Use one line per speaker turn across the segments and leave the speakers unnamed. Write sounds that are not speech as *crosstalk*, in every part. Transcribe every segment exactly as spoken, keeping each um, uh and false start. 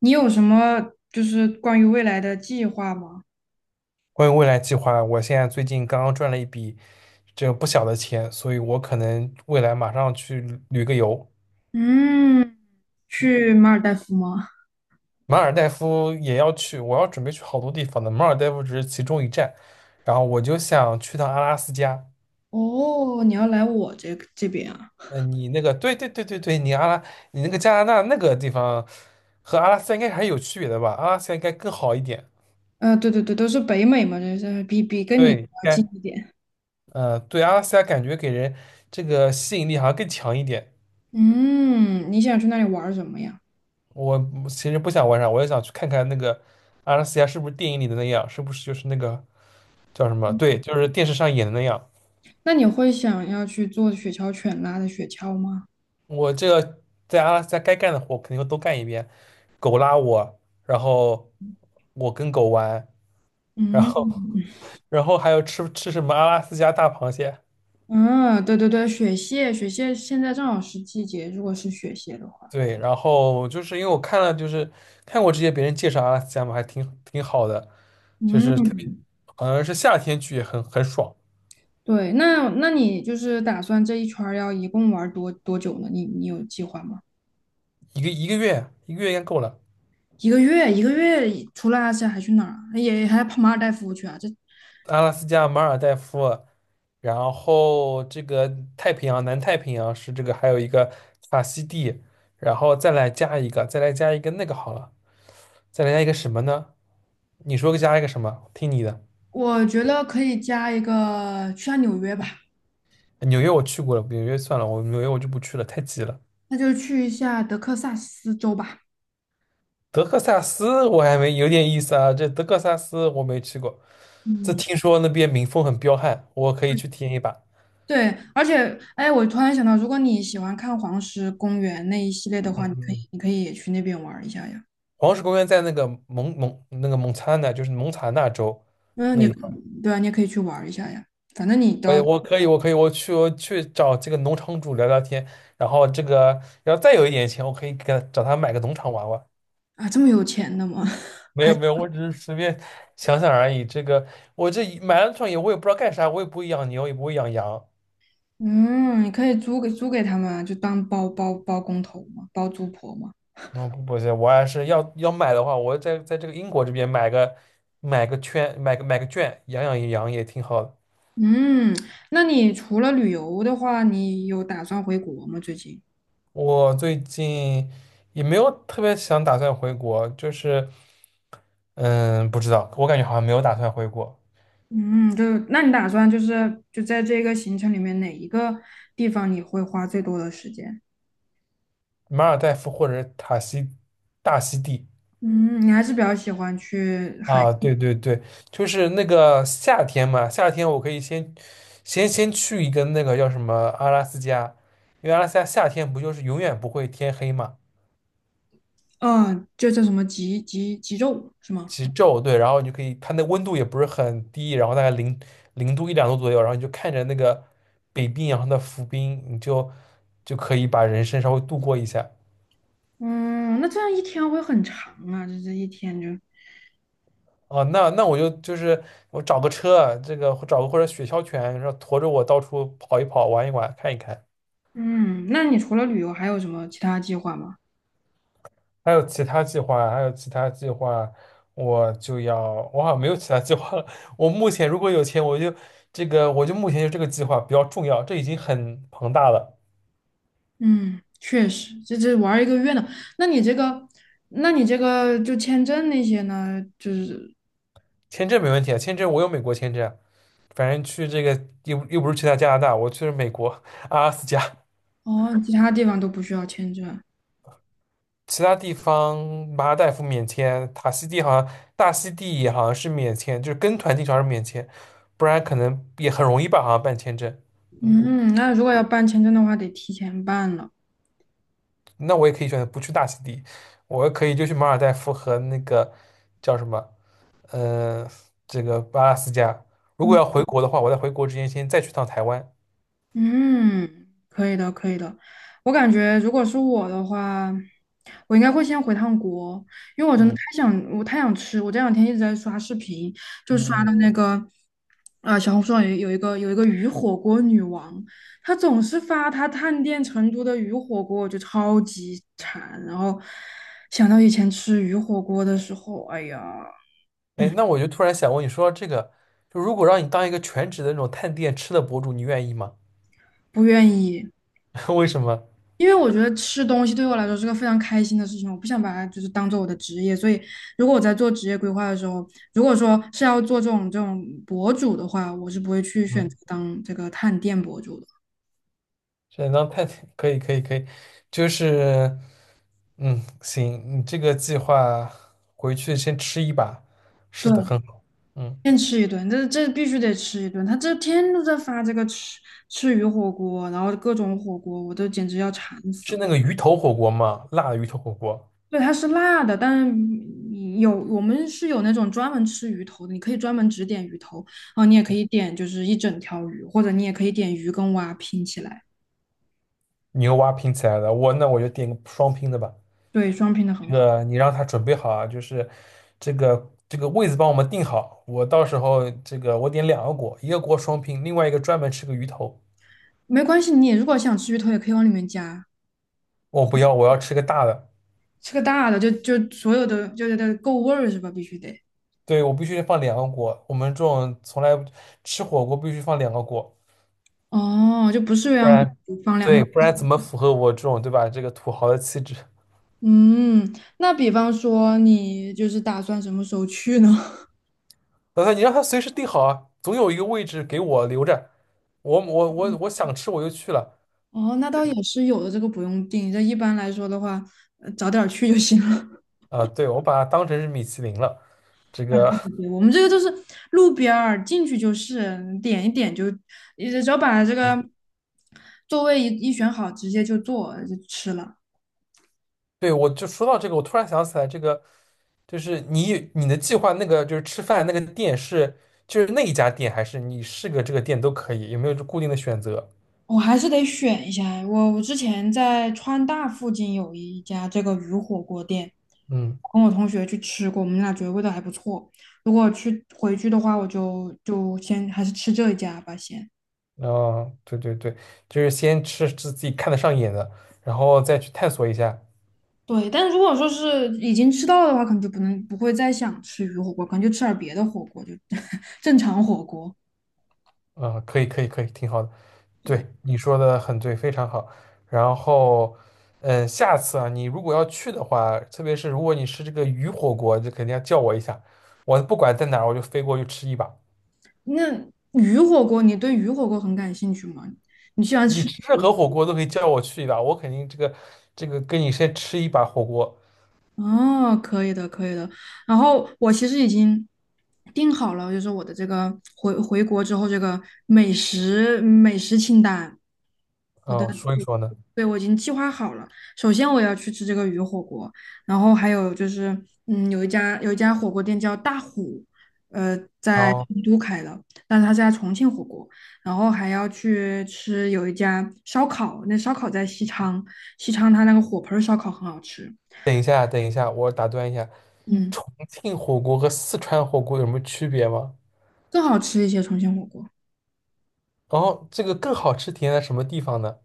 你有什么就是关于未来的计划吗？
关于未来计划，我现在最近刚刚赚了一笔这个不小的钱，所以我可能未来马上去旅个游，
嗯，去马尔代夫吗？
马尔代夫也要去，我要准备去好多地方的，马尔代夫只是其中一站，然后我就想去趟阿拉斯加。
哦，你要来我这这边啊？
嗯，你那个，对对对对对，你阿拉，你那个加拿大那个地方和阿拉斯加应该还是有区别的吧？阿拉斯加应该更好一点，
呃，对对对，都是北美嘛，这是比比跟你
对，应
要近
该，
一点。
呃，对，阿拉斯加感觉给人这个吸引力好像更强一点。
嗯，你想去那里玩儿什么呀？
我其实不想玩啥，我也想去看看那个阿拉斯加是不是电影里的那样，是不是就是那个叫什么？对，就是电视上演的那样。
那你会想要去做雪橇犬拉的雪橇吗？
我这个在阿拉斯加该干的活肯定会都干一遍，狗拉我，然后我跟狗玩，然后
嗯。
*laughs* 然后还有吃吃什么阿拉斯加大螃蟹。
嗯，对对对，雪蟹，雪蟹现在正好是季节，如果是雪蟹的话。
对，然后就是因为我看了，就是看过这些别人介绍阿拉斯加嘛，还挺挺好的，就是特别
嗯，
好像是夏天去也很很爽，
对，那那你就是打算这一圈儿要一共玩儿多多久呢？你你有计划吗？
一个一个月一个月应该够了。
一个月，一个月里除了阿斯还去哪儿啊也还跑马尔代夫去啊？这
阿拉斯加、马尔代夫，然后这个太平洋、南太平洋是这个，还有一个法西地，然后再来加一个，再来加一个那个好了，再来加一个什么呢？你说加一个什么？听你的。
我觉得可以加一个去下纽约吧。
纽约我去过了，纽约算了，我纽约我就不去了，太挤了。
那就去一下德克萨斯州吧。
德克萨斯我还没有点意思啊，这德克萨斯我没去过，这
嗯，
听说那边民风很彪悍，我可以去体验一把。
对，而且哎，我突然想到，如果你喜欢看黄石公园那一系列的
嗯
话，你
嗯
可以
嗯。
你可以也去那边玩儿一下呀。
黄石公园在那个蒙蒙那个蒙查那，就是蒙塔纳州
嗯，
那
你
一块。
对啊，你也可以去玩儿一下呀。反正你都
我也
要
我可以，我可以，我去我去找这个农场主聊聊天，然后这个，然后再有一点钱，我可以给他找他买个农场玩玩。
啊这么有钱的吗？*laughs*
没有没有，我只是随便想想而已。这个我这一买了场也，我也不知道干啥，我也不会养牛，也不会养羊。
嗯，你可以租给租给他们啊，就当包包包工头嘛，包租婆嘛。
嗯，不不行，我还是要要买的话，我在在这个英国这边买个买个圈，买个买个圈，养养羊也挺好的。
嗯，那你除了旅游的话，你有打算回国吗？最近？
我最近也没有特别想打算回国，就是嗯，不知道，我感觉好像没有打算回国。
嗯，就那你打算就是就在这个行程里面哪一个地方你会花最多的时间？
马尔代夫或者塔西大溪地。
嗯，你还是比较喜欢去海。
啊，对对对，就是那个夏天嘛，夏天我可以先先先去一个那个叫什么阿拉斯加，因为阿拉斯加夏天不就是永远不会天黑嘛，
嗯，就叫什么极极极昼是吗？
极昼，对，然后你就可以，它那温度也不是很低，然后大概零零度一两度左右，然后你就看着那个北冰洋的浮冰，你就就可以把人生稍微度过一下。
嗯，那这样一天会很长啊，就这一天就。
啊，那那我就就是我找个车，这个找个或者雪橇犬，然后驮着我到处跑一跑，玩一玩，看一看。
嗯，那你除了旅游还有什么其他计划吗？
还有其他计划，还有其他计划，我就要，我好像没有其他计划了。*laughs* 我目前如果有钱，我就这个，我就目前就这个计划比较重要，这已经很庞大了。
嗯，确实，这这玩儿一个月呢。那你这个，那你这个就签证那些呢，就是
签证没问题啊，签证我有美国签证啊，反正去这个又又不是去他加拿大，我去了美国阿拉斯加，
哦，其他地方都不需要签证。
其他地方马尔代夫免签，塔西蒂好像大溪地也好像是免签，就是跟团进去还是免签，不然可能也很容易吧，好像办签证。嗯，
嗯，那如果要办签证的话，得提前办了。
那我也可以选择不去大溪地，我可以就去马尔代夫和那个叫什么，呃，这个阿拉斯加。如果
嗯
要回国的话，我在回国之前先再去趟台湾。
嗯，可以的，可以的。我感觉如果是我的话，我应该会先回趟国，
嗯。
想我太想吃，我这两天一直在刷视频，就刷
嗯。
到那个，啊，小红书上有有一个有一个鱼火锅女王，她总是发她探店成都的鱼火锅，我就超级馋。然后想到以前吃鱼火锅的时候，哎呀，
哎，那我就突然想问你说这个，就如果让你当一个全职的那种探店吃的博主，你愿意吗？
不愿意，
*laughs* 为什么？
因为我觉得吃东西对我来说是个非常开心的事情，我不想把它就是当做我的职业。所以如果我在做职业规划的时候，如果说是要做这种这种博主的话，我是不会去选择
嗯，
当这个探店博主的。
想当探店，可以，可以，可以，就是嗯，行，你这个计划回去先吃一把，是的，
对，
很好。嗯，
先吃一顿，这这必须得吃一顿。他这天天都在发这个吃吃鱼火锅，然后各种火锅，我都简直要馋死
是
了。
那个鱼头火锅吗？辣的鱼头火锅，
对，它是辣的，但是有我们是有那种专门吃鱼头的，你可以专门只点鱼头，然后你也可以点就是一整条鱼，或者你也可以点鱼跟蛙拼起来。
牛蛙拼起来的。我那我就点个双拼的吧。
对，双拼的很
这
好。
个你让他准备好啊，就是这个这个位子帮我们定好。我到时候这个我点两个锅，一个锅双拼，另外一个专门吃个鱼头。
没关系，你如果想吃鱼头，也可以往里面加。
我不要，我要吃个大的。
吃个大的就就所有的就是得够味儿是吧？必须得。
对，我必须放两个锅。我们这种从来吃火锅必须放两个锅，
哦，就不是
不
鸳鸯
然
锅放两个。
对，不然怎么符合我这种对吧这个土豪的气质？
嗯，那比方说你就是打算什么时候去呢？*laughs*
老说你让他随时定好啊，总有一个位置给我留着。我我我我想吃我就去了。
哦，那倒也是有的，这个不用定。这一般来说的话，呃早点儿去就行了。
啊，对，我把它当成是米其林了，这
*laughs* 啊，
个。
对对对，我们这个就是路边儿进去就是，点一点就，你只要把这个座位一一选好，直接就坐就吃了。
对，我就说到这个，我突然想起来，这个就是你你的计划那个就是吃饭那个店是就是那一家店，还是你是个这个店都可以？有没有就固定的选择？
我还是得选一下。我我之前在川大附近有一家这个鱼火锅店，
嗯，
跟我同学去吃过，我们俩觉得味道还不错。如果去回去的话，我就就先还是吃这一家吧，先。
哦，对对对，就是先吃自己看得上眼的，然后再去探索一下。
对，但如果说是已经吃到了的话，可能就不能不会再想吃鱼火锅，可能就吃点儿别的火锅，就 *laughs* 正常火锅。
嗯，可以可以可以，挺好的。对，
对，
你说的很对，非常好。然后，嗯，下次啊，你如果要去的话，特别是如果你吃这个鱼火锅，就肯定要叫我一下。我不管在哪儿，我就飞过去吃一把。
那鱼火锅，你对鱼火锅很感兴趣吗？你喜欢
你
吃
吃任
鱼
何火锅都可以叫我去一把，我肯定这个这个跟你先吃一把火锅，
哦，可以的，可以的。然后我其实已经定好了，就是我的这个回回国之后这个美食美食清单。我的，
嗯、说一说呢。
对，我已经计划好了。首先我要去吃这个鱼火锅，然后还有就是，嗯，有一家有一家火锅店叫大虎，呃，
然
在成
后
都开的，但是他是在重庆火锅。然后还要去吃有一家烧烤，那烧烤在西昌，西昌它那个火盆儿烧烤很好吃。
等一下，等一下，我打断一下，
嗯。
重庆火锅和四川火锅有什么区别吗？
更好吃一些重庆火锅。
然后这个更好吃体现在什么地方呢？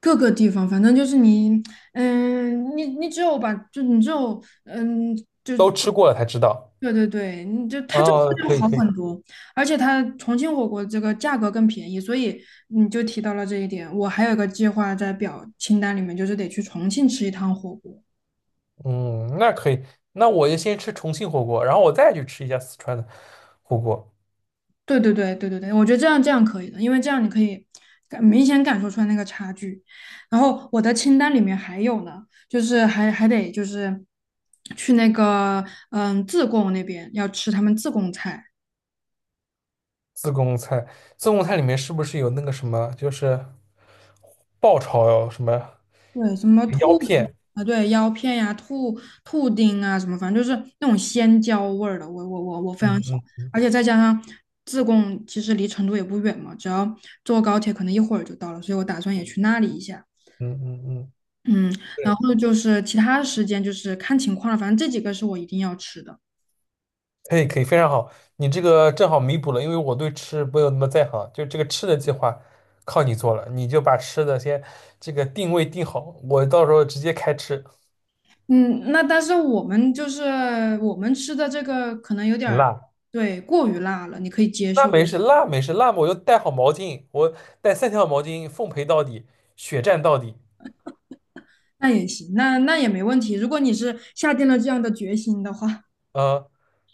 各个地方，反正就是你，嗯，你你只有把，就你只有，嗯，
都吃过了才知道。
对对对，你就
哦，
它就是
哦，
要
可以
好
可以，
很多。而且它重庆火锅这个价格更便宜，所以你就提到了这一点。我还有一个计划在表清单里面，就是得去重庆吃一趟火锅。
嗯，那可以，那我就先吃重庆火锅，然后我再去吃一下四川的火锅。
对对对对对对，我觉得这样这样可以的，因为这样你可以感明显感受出来那个差距。然后我的清单里面还有呢，就是还还得就是去那个嗯自贡那边要吃他们自贡菜。
自贡菜，自贡菜里面是不是有那个什么，就是爆炒什么
对，什么
腰
兔子
片？
啊，对，腰片呀、兔兔丁啊，什么反正就是那种鲜椒味儿的，我我我我非常喜欢。
嗯嗯。
而且再加上自贡其实离成都也不远嘛，只要坐高铁可能一会儿就到了，所以我打算也去那里一下。
嗯嗯嗯，
嗯，
对，
然后就是其他的时间就是看情况了，反正这几个是我一定要吃的。
可以可以，非常好，你这个正好弥补了，因为我对吃没有那么在行，就这个吃的计划靠你做了，你就把吃的先这个定位定好，我到时候直接开吃。
嗯，那但是我们就是我们吃的这个可能有点儿，
辣，
对，过于辣了，你可以接
那
受，
没事，辣没事，辣嘛我就带好毛巾，我带三条毛巾，奉陪到底，血战到底。
那也行，那那也没问题。如果你是下定了这样的决心的话，
呃，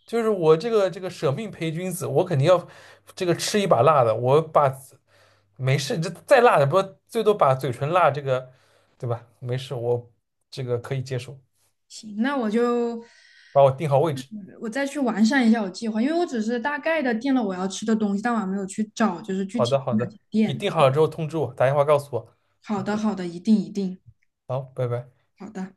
就是我这个这个舍命陪君子，我肯定要这个吃一把辣的。我把没事，这再辣的不最多把嘴唇辣这个，对吧？没事，我这个可以接受。
行，那我就
把我定好位置。
我再去完善一下我计划，因为我只是大概的定了我要吃的东西，但我还没有去找就是具
好
体
的，好
哪些
的，你
店。
定好了之后通知我，打电话告诉我。
好
嗯，
的，好的，一定一定，
好，拜拜。
好的。